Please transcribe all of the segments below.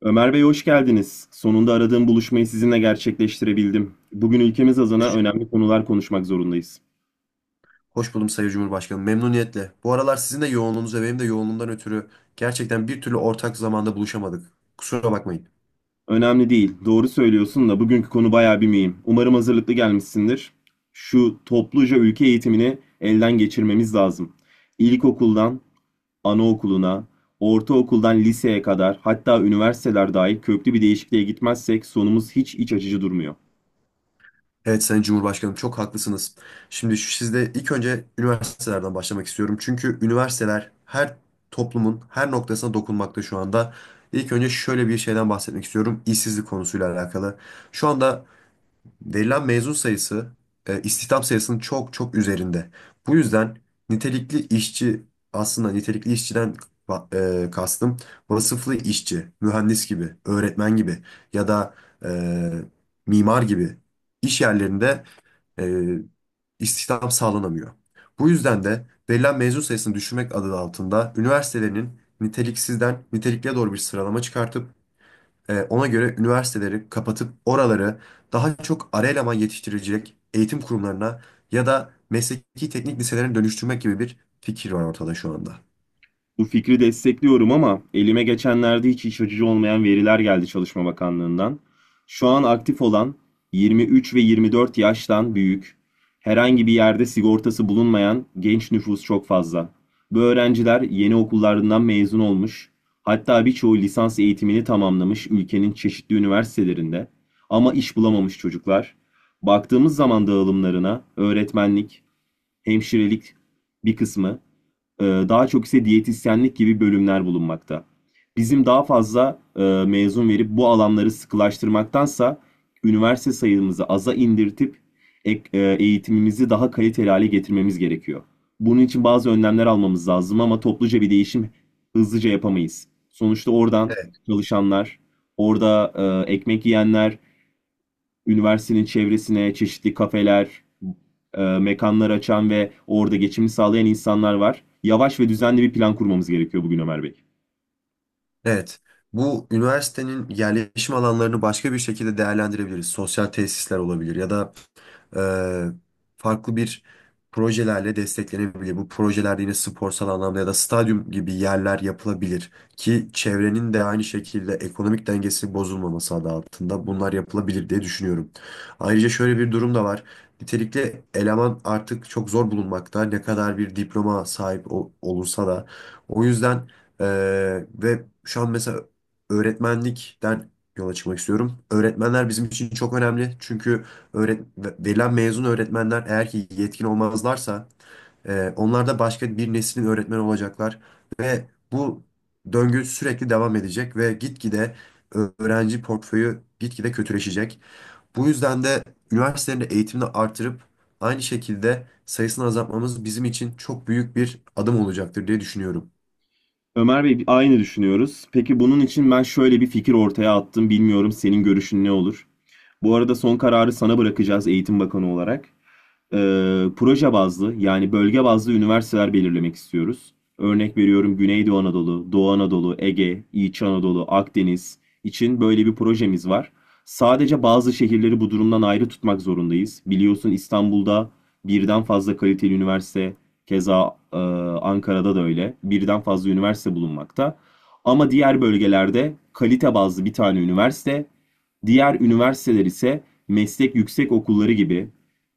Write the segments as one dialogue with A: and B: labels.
A: Ömer Bey hoş geldiniz. Sonunda aradığım buluşmayı sizinle gerçekleştirebildim. Bugün ülkemiz adına
B: Hoş,
A: önemli konular konuşmak zorundayız.
B: Hoş buldum Sayın Cumhurbaşkanım. Memnuniyetle. Bu aralar sizin de yoğunluğunuz ve benim de yoğunluğumdan ötürü gerçekten bir türlü ortak zamanda buluşamadık. Kusura bakmayın.
A: Önemli değil, doğru söylüyorsun da bugünkü konu bayağı bir mühim. Umarım hazırlıklı gelmişsindir. Şu topluca ülke eğitimini elden geçirmemiz lazım. İlkokuldan anaokuluna, ortaokuldan liseye kadar hatta üniversiteler dahil köklü bir değişikliğe gitmezsek sonumuz hiç iç açıcı durmuyor.
B: Evet Sayın Cumhurbaşkanım, çok haklısınız. Şimdi sizde ilk önce üniversitelerden başlamak istiyorum. Çünkü üniversiteler her toplumun her noktasına dokunmakta şu anda. İlk önce şöyle bir şeyden bahsetmek istiyorum. İşsizlik konusuyla alakalı. Şu anda verilen mezun sayısı istihdam sayısının çok çok üzerinde. Bu yüzden nitelikli işçi, aslında nitelikli işçiden kastım vasıflı işçi, mühendis gibi, öğretmen gibi ya da e, mimar gibi iş yerlerinde, e, istihdam sağlanamıyor. Bu yüzden de verilen mezun sayısını düşürmek adı altında üniversitelerinin niteliksizden nitelikliye doğru bir sıralama çıkartıp ona göre üniversiteleri kapatıp oraları daha çok ara eleman yetiştirecek eğitim kurumlarına ya da mesleki teknik liselerine dönüştürmek gibi bir fikir var ortada şu anda.
A: Bu fikri destekliyorum ama elime geçenlerde hiç iç açıcı olmayan veriler geldi Çalışma Bakanlığı'ndan. Şu an aktif olan 23 ve 24 yaştan büyük, herhangi bir yerde sigortası bulunmayan genç nüfus çok fazla. Bu öğrenciler yeni okullarından mezun olmuş, hatta birçoğu lisans eğitimini tamamlamış ülkenin çeşitli üniversitelerinde ama iş bulamamış çocuklar. Baktığımız zaman dağılımlarına öğretmenlik, hemşirelik bir kısmı, daha çok ise diyetisyenlik gibi bölümler bulunmakta. Bizim daha fazla mezun verip bu alanları sıkılaştırmaktansa üniversite sayımızı aza indirtip eğitimimizi daha kaliteli hale getirmemiz gerekiyor. Bunun için bazı önlemler almamız lazım ama topluca bir değişim hızlıca yapamayız. Sonuçta oradan
B: Evet.
A: çalışanlar, orada ekmek yiyenler, üniversitenin çevresine çeşitli kafeler, mekanlar açan ve orada geçimini sağlayan insanlar var. Yavaş ve düzenli bir plan kurmamız gerekiyor bugün Ömer Bey.
B: Evet. Bu üniversitenin yerleşim alanlarını başka bir şekilde değerlendirebiliriz. Sosyal tesisler olabilir ya da e, farklı bir projelerle desteklenebilir. Bu projelerde yine sporsal anlamda ya da stadyum gibi yerler yapılabilir ki çevrenin de aynı şekilde ekonomik dengesinin bozulmaması adı altında bunlar yapılabilir diye düşünüyorum. Ayrıca şöyle bir durum da var. Nitelikli eleman artık çok zor bulunmakta. Ne kadar bir diploma sahip olursa da. O yüzden e, ve şu an mesela öğretmenlikten yola çıkmak istiyorum. Öğretmenler bizim için çok önemli. Çünkü verilen mezun öğretmenler eğer ki yetkin olmazlarsa, onlar da başka bir neslin öğretmeni olacaklar ve bu döngü sürekli devam edecek ve gitgide öğrenci portföyü gitgide kötüleşecek. Bu yüzden de üniversitelerin de eğitimini artırıp aynı şekilde sayısını azaltmamız bizim için çok büyük bir adım olacaktır diye düşünüyorum.
A: Ömer Bey aynı düşünüyoruz. Peki bunun için ben şöyle bir fikir ortaya attım. Bilmiyorum senin görüşün ne olur? Bu arada son kararı sana bırakacağız Eğitim Bakanı olarak. Proje bazlı yani bölge bazlı üniversiteler belirlemek istiyoruz. Örnek veriyorum Güneydoğu Anadolu, Doğu Anadolu, Ege, İç Anadolu, Akdeniz için böyle bir projemiz var. Sadece bazı şehirleri bu durumdan ayrı tutmak zorundayız. Biliyorsun İstanbul'da birden fazla kaliteli üniversite, keza Ankara'da da öyle. Birden fazla üniversite bulunmakta. Ama diğer bölgelerde kalite bazlı bir tane üniversite, diğer üniversiteler ise meslek yüksek okulları gibi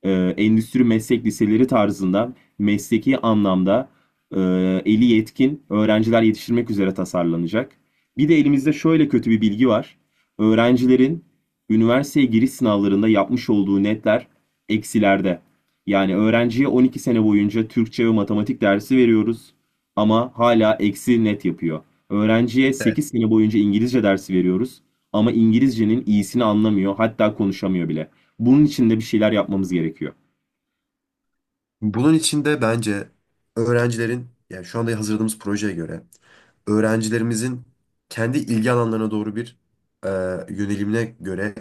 A: e, endüstri meslek liseleri tarzında mesleki anlamda e, eli yetkin öğrenciler yetiştirmek üzere tasarlanacak. Bir de elimizde şöyle kötü bir bilgi var. Öğrencilerin üniversiteye giriş sınavlarında yapmış olduğu netler eksilerde. Yani öğrenciye 12 sene boyunca Türkçe ve matematik dersi veriyoruz ama hala eksi net yapıyor. Öğrenciye
B: Evet.
A: 8 sene boyunca İngilizce dersi veriyoruz ama İngilizcenin iyisini anlamıyor, hatta konuşamıyor bile. Bunun için de bir şeyler yapmamız gerekiyor.
B: Bunun için de bence öğrencilerin, yani şu anda hazırladığımız projeye göre öğrencilerimizin kendi ilgi alanlarına doğru bir e, yönelimine göre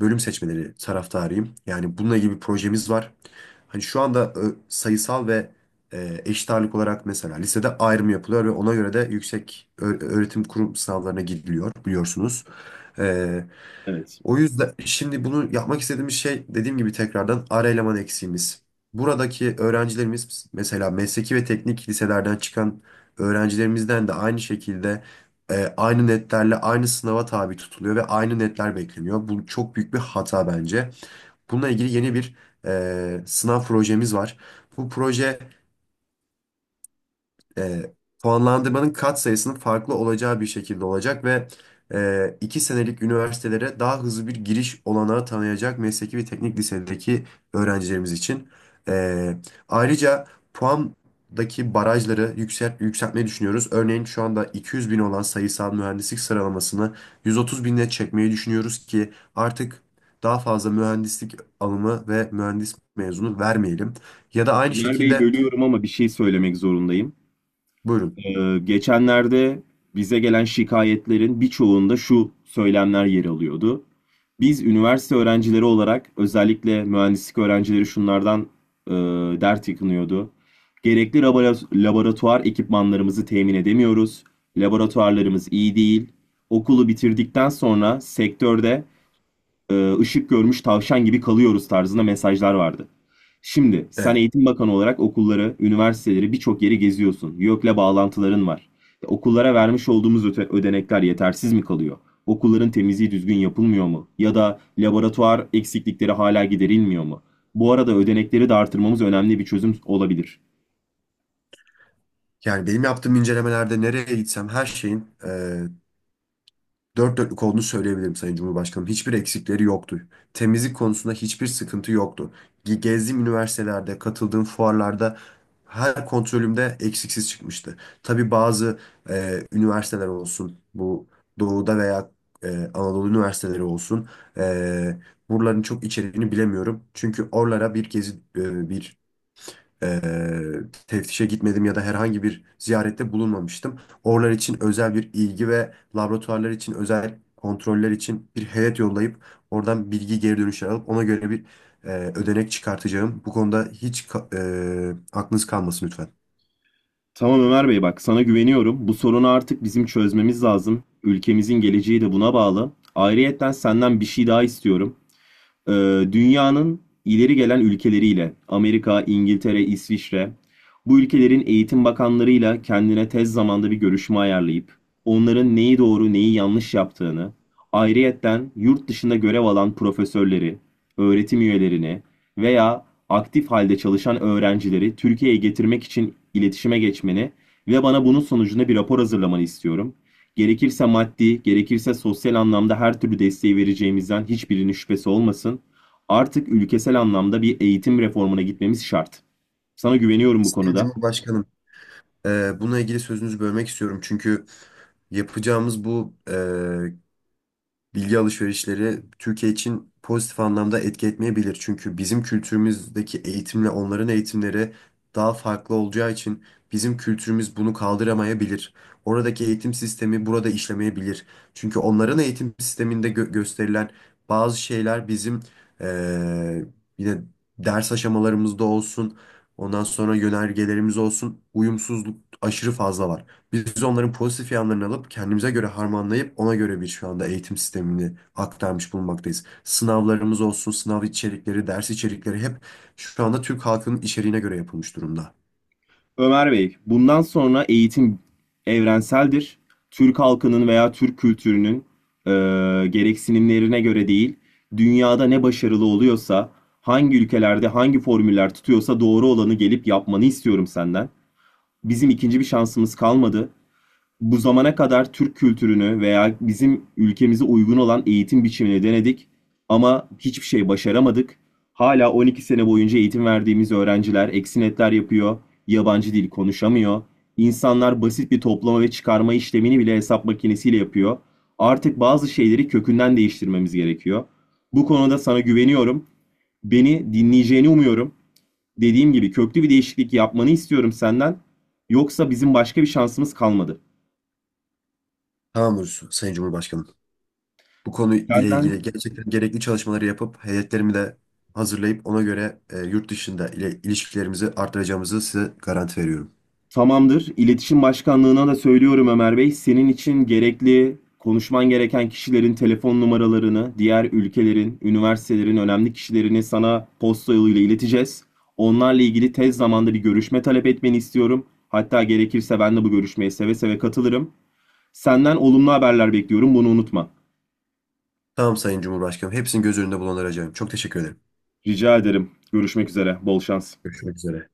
B: bölüm seçmeleri taraftarıyım. Yani bununla ilgili bir projemiz var. Hani şu anda sayısal ve eşit ağırlık olarak mesela lisede ayrım yapılıyor ve ona göre de yüksek öğretim kurum sınavlarına gidiliyor, biliyorsunuz. E,
A: Evet.
B: O yüzden şimdi bunu yapmak istediğimiz şey, dediğim gibi tekrardan ara eleman eksiğimiz. Buradaki öğrencilerimiz, mesela mesleki ve teknik liselerden çıkan öğrencilerimizden de aynı şekilde, aynı netlerle aynı sınava tabi tutuluyor ve aynı netler bekleniyor. Bu çok büyük bir hata bence. Bununla ilgili yeni bir sınav projemiz var. Bu proje e, puanlandırmanın kat sayısının farklı olacağı bir şekilde olacak ve iki senelik üniversitelere daha hızlı bir giriş olanağı tanıyacak mesleki ve teknik lisedeki öğrencilerimiz için. E, Ayrıca puandaki barajları yükseltmeyi düşünüyoruz. Örneğin şu anda 200 bin olan sayısal mühendislik sıralamasını 130 bine çekmeyi düşünüyoruz ki artık daha fazla mühendislik alımı ve mühendis mezunu vermeyelim. Ya da aynı
A: Ömer Bey
B: şekilde
A: bölüyorum ama bir şey söylemek zorundayım.
B: buyurun.
A: Geçenlerde bize gelen şikayetlerin birçoğunda şu söylemler yer alıyordu. Biz üniversite öğrencileri olarak özellikle mühendislik öğrencileri şunlardan e, dert yakınıyordu. Gerekli laboratuvar ekipmanlarımızı temin edemiyoruz. Laboratuvarlarımız iyi değil. Okulu bitirdikten sonra sektörde ışık görmüş tavşan gibi kalıyoruz tarzında mesajlar vardı. Şimdi sen
B: Evet.
A: eğitim bakanı olarak okulları, üniversiteleri birçok yeri geziyorsun. YÖK'le bağlantıların var. Okullara vermiş olduğumuz ödenekler yetersiz mi kalıyor? Okulların temizliği düzgün yapılmıyor mu? Ya da laboratuvar eksiklikleri hala giderilmiyor mu? Bu arada ödenekleri de artırmamız önemli bir çözüm olabilir.
B: Yani benim yaptığım incelemelerde nereye gitsem her şeyin dört dörtlük olduğunu söyleyebilirim Sayın Cumhurbaşkanım. Hiçbir eksikleri yoktu. Temizlik konusunda hiçbir sıkıntı yoktu. Gezdiğim üniversitelerde, katıldığım fuarlarda her kontrolümde eksiksiz çıkmıştı. Tabii bazı üniversiteler olsun, bu Doğu'da veya e, Anadolu üniversiteleri olsun, e, buraların çok içeriğini bilemiyorum. Çünkü oralara bir gezi, bir eee, teftişe gitmedim ya da herhangi bir ziyarette bulunmamıştım. Oralar için özel bir ilgi ve laboratuvarlar için özel kontroller için bir heyet yollayıp oradan bilgi geri dönüşler alıp ona göre bir ödenek çıkartacağım. Bu konuda hiç aklınız kalmasın lütfen.
A: Tamam Ömer Bey bak sana güveniyorum. Bu sorunu artık bizim çözmemiz lazım. Ülkemizin geleceği de buna bağlı. Ayrıyetten senden bir şey daha istiyorum. Ee, Dünyanın ileri gelen ülkeleriyle Amerika, İngiltere, İsviçre bu ülkelerin eğitim bakanlarıyla kendine tez zamanda bir görüşme ayarlayıp onların neyi doğru neyi yanlış yaptığını ayrıyetten yurt dışında görev alan profesörleri, öğretim üyelerini veya aktif halde çalışan öğrencileri Türkiye'ye getirmek için iletişime geçmeni ve bana bunun sonucunda bir rapor hazırlamanı istiyorum. Gerekirse maddi, gerekirse sosyal anlamda her türlü desteği vereceğimizden hiçbirinin şüphesi olmasın. Artık ülkesel anlamda bir eğitim reformuna gitmemiz şart. Sana güveniyorum bu
B: Sayın
A: konuda.
B: Cumhurbaşkanım, bununla ilgili sözünüzü bölmek istiyorum. Çünkü yapacağımız bu bilgi alışverişleri Türkiye için pozitif anlamda etki etmeyebilir. Çünkü bizim kültürümüzdeki eğitimle onların eğitimleri daha farklı olacağı için bizim kültürümüz bunu kaldıramayabilir. Oradaki eğitim sistemi burada işlemeyebilir. Çünkü onların eğitim sisteminde gösterilen bazı şeyler bizim eee, yine ders aşamalarımızda olsun, ondan sonra yönergelerimiz olsun, uyumsuzluk aşırı fazla var. Biz onların pozitif yanlarını alıp kendimize göre harmanlayıp ona göre bir şu anda eğitim sistemini aktarmış bulunmaktayız. Sınavlarımız olsun, sınav içerikleri, ders içerikleri hep şu anda Türk halkının içeriğine göre yapılmış durumda.
A: Ömer Bey, bundan sonra eğitim evrenseldir. Türk halkının veya Türk kültürünün e, gereksinimlerine göre değil, dünyada ne başarılı oluyorsa, hangi ülkelerde hangi formüller tutuyorsa doğru olanı gelip yapmanı istiyorum senden. Bizim ikinci bir şansımız kalmadı. Bu zamana kadar Türk kültürünü veya bizim ülkemize uygun olan eğitim biçimini denedik ama hiçbir şey başaramadık. Hala 12 sene boyunca eğitim verdiğimiz öğrenciler eksi netler yapıyor, yabancı dil konuşamıyor. İnsanlar basit bir toplama ve çıkarma işlemini bile hesap makinesiyle yapıyor. Artık bazı şeyleri kökünden değiştirmemiz gerekiyor. Bu konuda sana güveniyorum. Beni dinleyeceğini umuyorum. Dediğim gibi köklü bir değişiklik yapmanı istiyorum senden. Yoksa bizim başka bir şansımız kalmadı.
B: Tamamdır Sayın Cumhurbaşkanım. Bu konu ile ilgili
A: Senden.
B: gerçekten gerekli çalışmaları yapıp heyetlerimi de hazırlayıp ona göre yurt dışında ile ilişkilerimizi artıracağımızı size garanti veriyorum.
A: Tamamdır. İletişim Başkanlığı'na da söylüyorum Ömer Bey. Senin için gerekli, konuşman gereken kişilerin telefon numaralarını, diğer ülkelerin, üniversitelerin önemli kişilerini sana posta yoluyla ileteceğiz. Onlarla ilgili tez zamanda bir görüşme talep etmeni istiyorum. Hatta gerekirse ben de bu görüşmeye seve seve katılırım. Senden olumlu haberler bekliyorum, bunu unutma.
B: Tamam Sayın Cumhurbaşkanım. Hepsini göz önünde bulunduracağım. Çok teşekkür ederim.
A: Rica ederim. Görüşmek üzere. Bol şans.
B: Görüşmek üzere.